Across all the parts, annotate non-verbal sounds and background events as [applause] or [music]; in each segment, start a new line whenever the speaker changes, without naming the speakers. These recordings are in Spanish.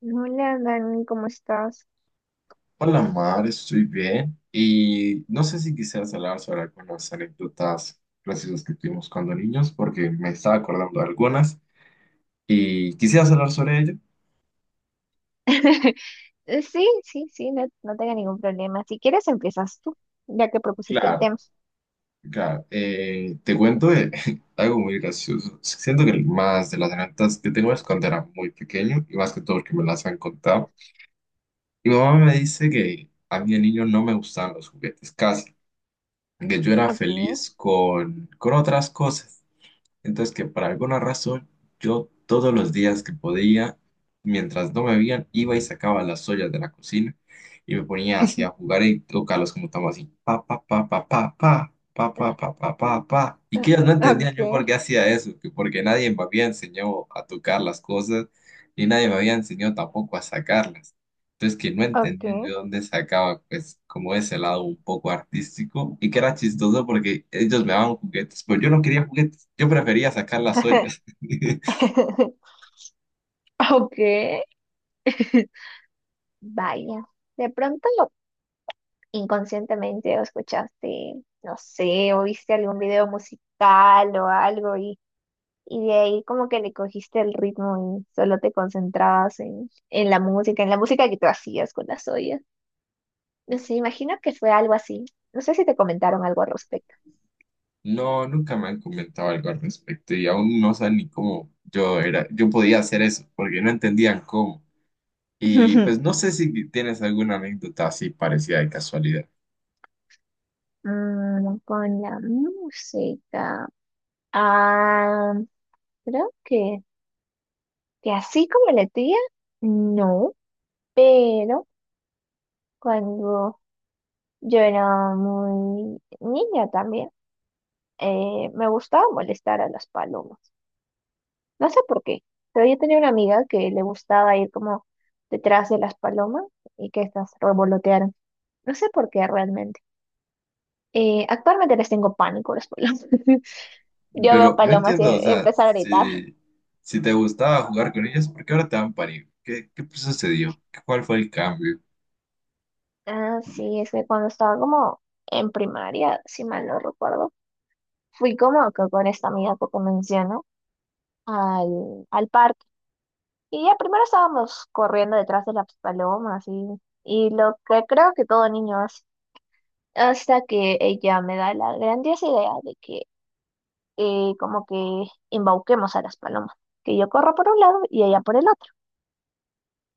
Hola, Dani, ¿cómo estás?
Hola Mar, estoy bien y no sé si quisieras hablar sobre algunas anécdotas graciosas que tuvimos cuando niños, porque me estaba acordando de algunas y quisieras hablar sobre ello.
[laughs] Sí, no tengo ningún problema. Si quieres, empiezas tú, ya que propusiste el
Claro,
tema.
claro. Te cuento de [laughs] algo muy gracioso. Siento que más de las anécdotas que tengo es cuando era muy pequeño y más que todo porque me las han contado. Mi mamá me dice que a mí de niño no me gustaban los juguetes, casi, que yo era
Okay,
feliz con otras cosas. Entonces que por alguna razón yo todos los días que podía, mientras no me veían, iba y sacaba las ollas de la cocina y me ponía así a jugar y tocarlos como estamos así, pa, pa, pa, pa, pa, pa, pa, pa, pa, pa, pa, pa. Y que
eh,
ellos no entendían yo por
okay,
qué hacía eso, que porque nadie me había enseñado a tocar las cosas y nadie me había enseñado tampoco a sacarlas. Entonces que no entendía yo
okay,
de dónde sacaba pues como ese lado un poco artístico y que era chistoso porque ellos me daban juguetes, pero yo no quería juguetes, yo prefería sacar las ollas. [laughs]
[laughs] okay. [laughs] Vaya, de pronto inconscientemente o escuchaste, no sé, o viste algún video musical o algo y de ahí como que le cogiste el ritmo y solo te concentrabas en la música, en la música que tú hacías con las ollas. No sé, imagino que fue algo así. No sé si te comentaron algo al respecto.
No, nunca me han comentado algo al respecto y aún no saben ni cómo yo era, yo podía hacer eso porque no entendían cómo. Y pues no
[laughs]
sé si tienes alguna anécdota así parecida de casualidad,
Mm, con la música. Ah, creo que así como la tía, no, pero cuando yo era muy niña también, me gustaba molestar a las palomas. No sé por qué, pero yo tenía una amiga que le gustaba ir como detrás de las palomas y que estas revolotearan. No sé por qué realmente. Actualmente les tengo pánico a las palomas. [laughs] Yo veo
pero no
palomas y
entiendo, o sea,
empiezo a gritar.
si te gustaba jugar con ellos, ¿por qué ahora te dan pánico? ¿Qué sucedió? ¿Cuál fue el cambio?
Ah, sí, es que cuando estaba como en primaria, si mal no recuerdo, fui como que con esta amiga que te menciono al parque. Y ya primero estábamos corriendo detrás de las palomas y lo que creo que todo niño hace. Hasta que ella me da la grandiosa idea de que como que embauquemos a las palomas. Que yo corro por un lado y ella por el otro.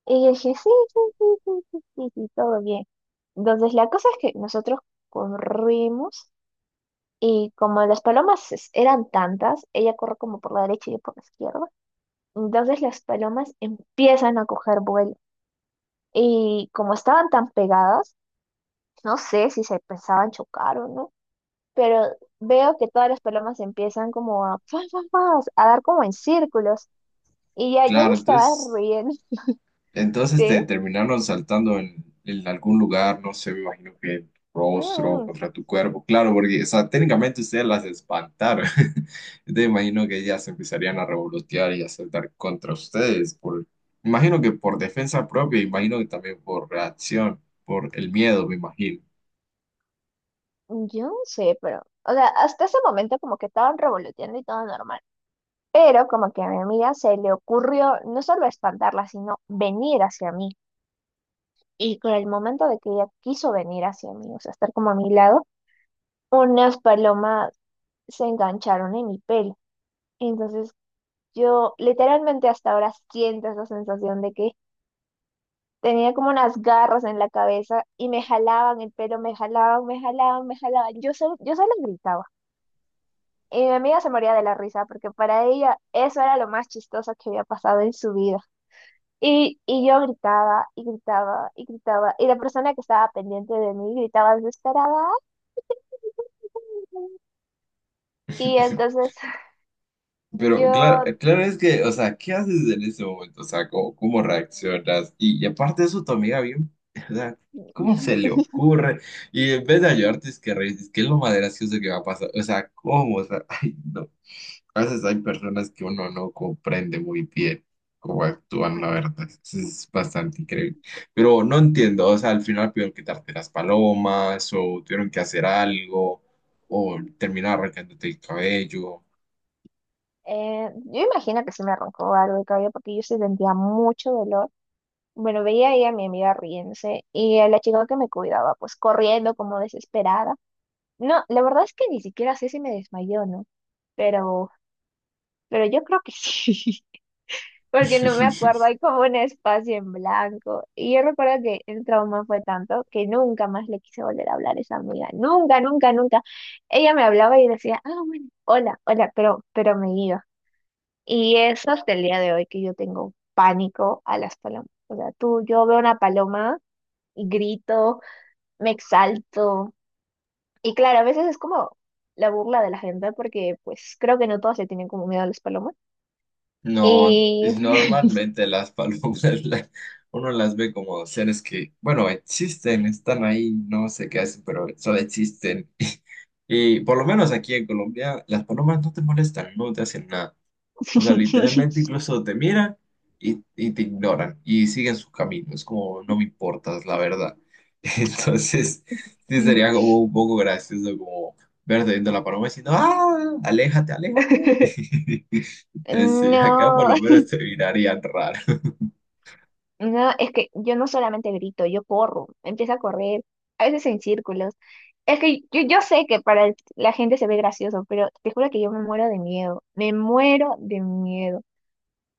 Y yo dije, sí, sí, sí, sí, sí, sí, sí, sí, todo bien. Entonces, la cosa es que nosotros corrimos y como las palomas eran tantas, ella corre como por la derecha y yo por la izquierda. Entonces, las palomas empiezan a coger vuelo. Y como estaban tan pegadas, no sé si se pensaban chocar o no, pero veo que todas las palomas empiezan como a, ¡fua, fua, fua!, a dar como en círculos. Y ya yo me
Claro,
estaba
entonces,
riendo. [laughs]
entonces
¿Sí?
te terminaron saltando en algún lugar, no sé, me imagino que el rostro
Mm.
contra tu cuerpo, claro, porque, o sea, técnicamente ustedes las espantaron, [laughs] entonces me imagino que ellas empezarían a revolotear y a saltar contra ustedes, por, imagino que por defensa propia, imagino
Mm.
que también por reacción, por el miedo, me imagino.
Yo no sé, pero, o sea, hasta ese momento como que estaban revoloteando y todo normal. Pero como que a mi amiga se le ocurrió no solo espantarla, sino venir hacia mí. Y con el momento de que ella quiso venir hacia mí, o sea, estar como a mi lado, unas palomas se engancharon en mi pelo. Entonces yo literalmente hasta ahora siento esa sensación de que tenía como unas garras en la cabeza y me jalaban el pelo, me jalaban, me jalaban, me jalaban. Yo solo gritaba. Y mi amiga se moría de la risa porque para ella eso era lo más chistoso que había pasado en su vida. Y yo gritaba y gritaba y gritaba y la persona que estaba pendiente de mí gritaba desesperada. Y entonces [laughs]
Pero claro,
yo,
claro es que, o sea, ¿qué haces en ese momento? O sea, ¿cómo reaccionas? Y aparte de eso, tu amiga bien, [laughs] o sea, ¿cómo se le ocurre? Y en vez de ayudarte, es que reír, es que es lo más gracioso que va a pasar. O sea, ¿cómo? O sea, [laughs] ay, no. A veces hay personas que uno no comprende muy bien cómo actúan, la verdad. Eso es bastante increíble. Pero no entiendo, o sea, al final pidieron que las palomas, o tuvieron que hacer algo, o terminar arrancándote el cabello.
yo imagino que sí me arrancó algo de cabello porque yo sí sentía mucho dolor. Bueno, veía ahí a mi amiga riéndose y a la chica que me cuidaba pues corriendo como desesperada. No, la verdad es que ni siquiera sé si me desmayó, ¿no? Pero, pero yo creo que sí. [laughs] Porque no me
[laughs]
acuerdo, hay como un espacio en blanco. Y yo recuerdo que el trauma fue tanto que nunca más le quise volver a hablar a esa amiga, nunca, nunca, nunca. Ella me hablaba y decía, ah, bueno, hola, hola, pero me iba. Y eso hasta el día de hoy que yo tengo pánico a las palomas. O sea, tú, yo veo una paloma y grito, me exalto. Y claro, a veces es como la burla de la gente porque pues creo que no todos se tienen como miedo a las palomas.
No, es
Y...
normalmente las palomas, [laughs] la- uno las ve como seres que, bueno, existen, están ahí, no sé qué hacen, pero solo existen. [laughs] Y por lo menos aquí en Colombia, las palomas no te molestan, no te hacen nada. O sea, literalmente
[laughs]
incluso te miran y te ignoran y siguen su camino. Es como, no me importas, la verdad. [laughs] Entonces, sí sería como un poco gracioso como verte viendo la paloma diciendo, ¡ah! ¡Aléjate, aléjate!
[laughs]
[laughs] Entonces, sí, acá por
No,
lo
[laughs]
menos te mirarían raro. [laughs]
no, es que yo no solamente grito, yo corro, empiezo a correr, a veces en círculos. Es que yo sé que para la gente se ve gracioso, pero te juro que yo me muero de miedo, me muero de miedo.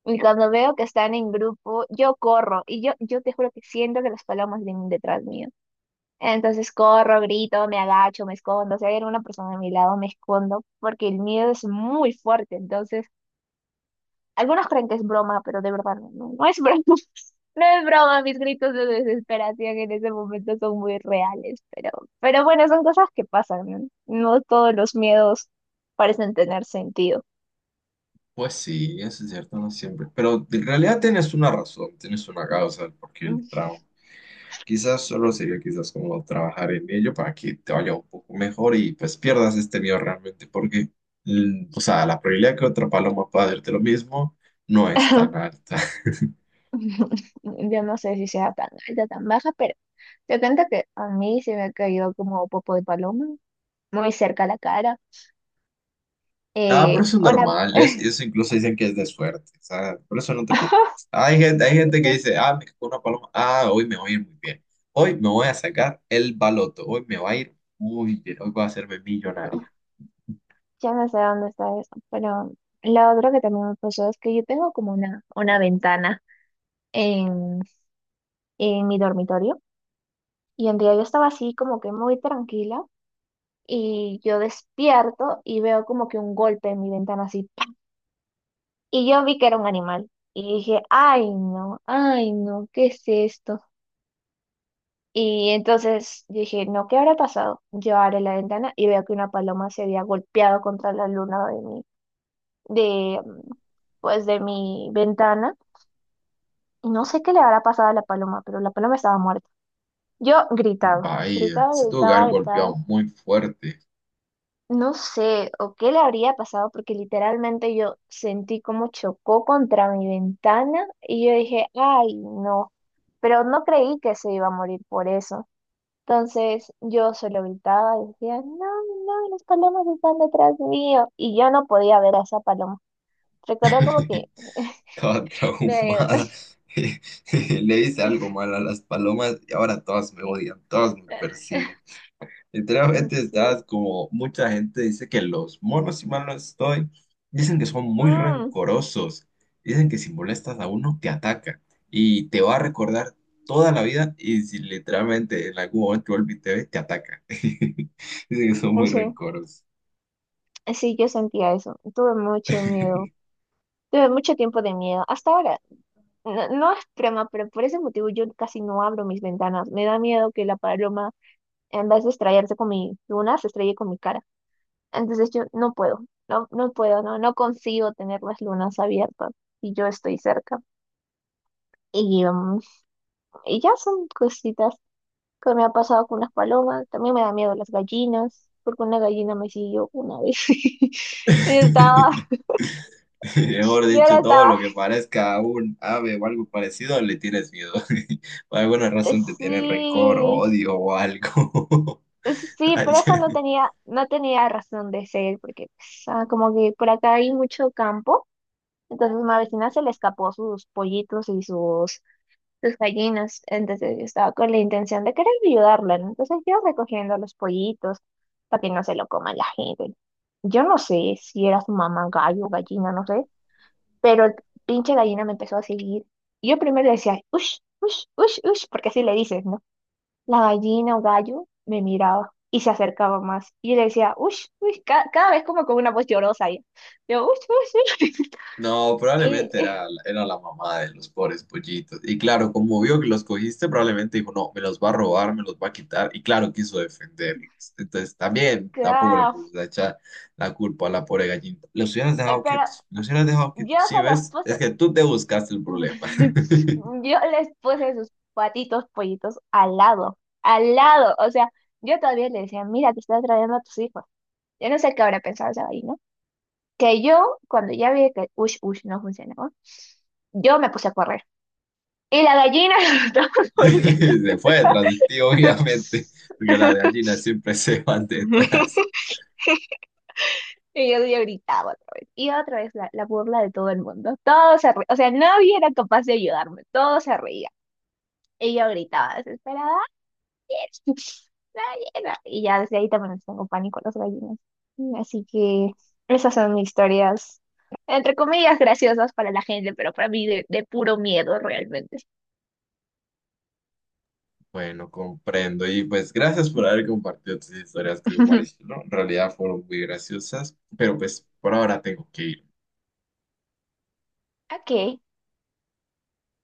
Y cuando veo que están en grupo, yo corro yo te juro que siento que las palomas vienen detrás mío. Entonces corro, grito, me agacho, me escondo. Si hay alguna persona a mi lado, me escondo porque el miedo es muy fuerte. Entonces... Algunos creen que es broma, pero de verdad no es broma. [laughs] No es broma, mis gritos de desesperación en ese momento son muy reales, pero bueno, son cosas que pasan, ¿no? No todos los miedos parecen tener sentido.
Pues sí, eso es cierto, no siempre. Pero en realidad tienes una razón, tienes una causa porque el trauma. Quizás solo sería quizás como trabajar en ello para que te vaya un poco mejor y pues pierdas este miedo realmente, porque, o sea, la probabilidad que otra paloma pueda hacerte lo mismo no es tan
[laughs]
alta. [laughs]
Yo no sé si sea tan alta, tan baja, pero te cuento que a mí se me ha caído como popo de paloma, muy cerca a la cara.
Ah, pero
Eh,
eso es
una,
normal, es, eso incluso dicen que es de suerte, o sea, por eso no te preocupes. Hay gente que dice,
[laughs]
ah, me cagó una paloma, ah, hoy me voy a ir muy bien, hoy me voy a sacar el baloto, hoy me va a ir muy bien, hoy voy a hacerme millonario.
Ya no sé dónde está eso, pero lo otro que también me pasó es que yo tengo como una ventana en, en mi dormitorio y un día yo estaba así como que muy tranquila y yo despierto y veo como que un golpe en mi ventana así ¡pa!, y yo vi que era un animal y dije, ay no, ¿qué es esto? Y entonces dije, no, ¿qué habrá pasado? Yo abro la ventana y veo que una paloma se había golpeado contra la luna de, pues de mi ventana. Y no sé qué le habrá pasado a la paloma, pero la paloma estaba muerta. Yo gritaba,
Vaya,
gritaba,
si tu
gritaba,
hogar
gritaba.
golpeado muy fuerte.
No sé, o qué le habría pasado, porque literalmente yo sentí como chocó contra mi ventana y yo dije, ay, no. Pero no creí que se iba a morir por eso. Entonces yo solo gritaba y decía, no, no, las palomas están detrás mío. Y yo no podía ver a esa paloma. Recuerdo como que
[laughs]
[laughs]
Estaba
me...
traumada. [laughs] Le hice algo mal a las palomas y ahora todas me odian, todas me
[laughs]
persiguen. Literalmente estás
Sí.
como mucha gente dice que los monos, si mal no estoy, dicen que son muy
Mm,
rencorosos. Dicen que si molestas a uno te ataca y te va a recordar toda la vida y si literalmente en algún momento vuelve y te ve, te ataca. [laughs] Dicen que son muy
sí.
rencorosos.
Sí, yo sentía eso. Tuve mucho miedo. Tuve mucho tiempo de miedo. Hasta ahora, no, no es broma, pero por ese motivo yo casi no abro mis ventanas. Me da miedo que la paloma, en vez de estrellarse con mi luna, se estrelle con mi cara. Entonces yo no puedo, no, no puedo, no, no consigo tener las lunas abiertas y yo estoy cerca. Y, um, y ya son cositas que me ha pasado con las palomas. También me da miedo las gallinas, porque una gallina me siguió una vez. [laughs] Y estaba...
[laughs] [laughs] Mejor
Yo la
dicho, todo
estaba
lo que parezca un ave o algo parecido, le tienes miedo. [laughs] Por alguna
Eh,
razón te tienes rencor,
Sí,
odio o algo. [laughs]
sí,
Ay,
pero eso no
[laughs]
tenía, no tenía razón de ser, porque pues, ah, como que por acá hay mucho campo, entonces mi vecina se le escapó sus pollitos sus gallinas, entonces yo estaba con la intención de querer ayudarla, ¿no? Entonces yo recogiendo los pollitos para que no se lo coma la gente. Yo no sé si era su mamá gallo, gallina, no sé, pero el pinche gallina me empezó a seguir. Yo primero le decía, ush, ush, ush, ush, porque así le dices, ¿no? La gallina o gallo me miraba y se acercaba más. Y yo le decía, ush, ush, cada vez como con una voz llorosa. Y yo, ush, ush, ush.
no,
[laughs] Y,
probablemente
eh,
era la mamá de los pobres pollitos. Y claro, como vio que los cogiste, probablemente dijo, no, me los va a robar, me los va a quitar. Y claro, quiso defenderlos. Entonces también tampoco le
ca-
podemos echar la culpa a la pobre gallinita. Los hubieras dejado
pero
quietos, los hubieras dejado
yo
quietos. Sí,
se los
ves, es
puse,
que tú te buscaste el problema.
[laughs]
[laughs]
yo les puse sus patitos pollitos al lado, al lado. O sea, yo todavía le decía, mira, te estás trayendo a tus hijos. Yo no sé qué habrá pensado esa gallina. Que yo, cuando ya vi que ush, ush no funcionaba, yo me puse a correr. Y la gallina [laughs] estaba
[laughs] Se fue detrás de ti, [laughs] obviamente, porque las
[laughs]
gallinas siempre se [laughs] van detrás.
Yo gritaba otra vez. Y otra vez la burla de todo el mundo. Todos se reían. O sea, nadie era capaz de ayudarme. Todos se reían. Y yo gritaba desesperada, "¡Daniel! ¡Daniel!". Y ya desde ahí también les tengo pánico a las gallinas. Así que esas son mis historias, entre comillas, graciosas para la gente, pero para mí de puro miedo realmente.
Bueno, comprendo. Y pues gracias por haber compartido tus historias con
[laughs]
Mauricio, ¿no? En realidad fueron muy graciosas, pero pues por ahora tengo que ir.
Ok,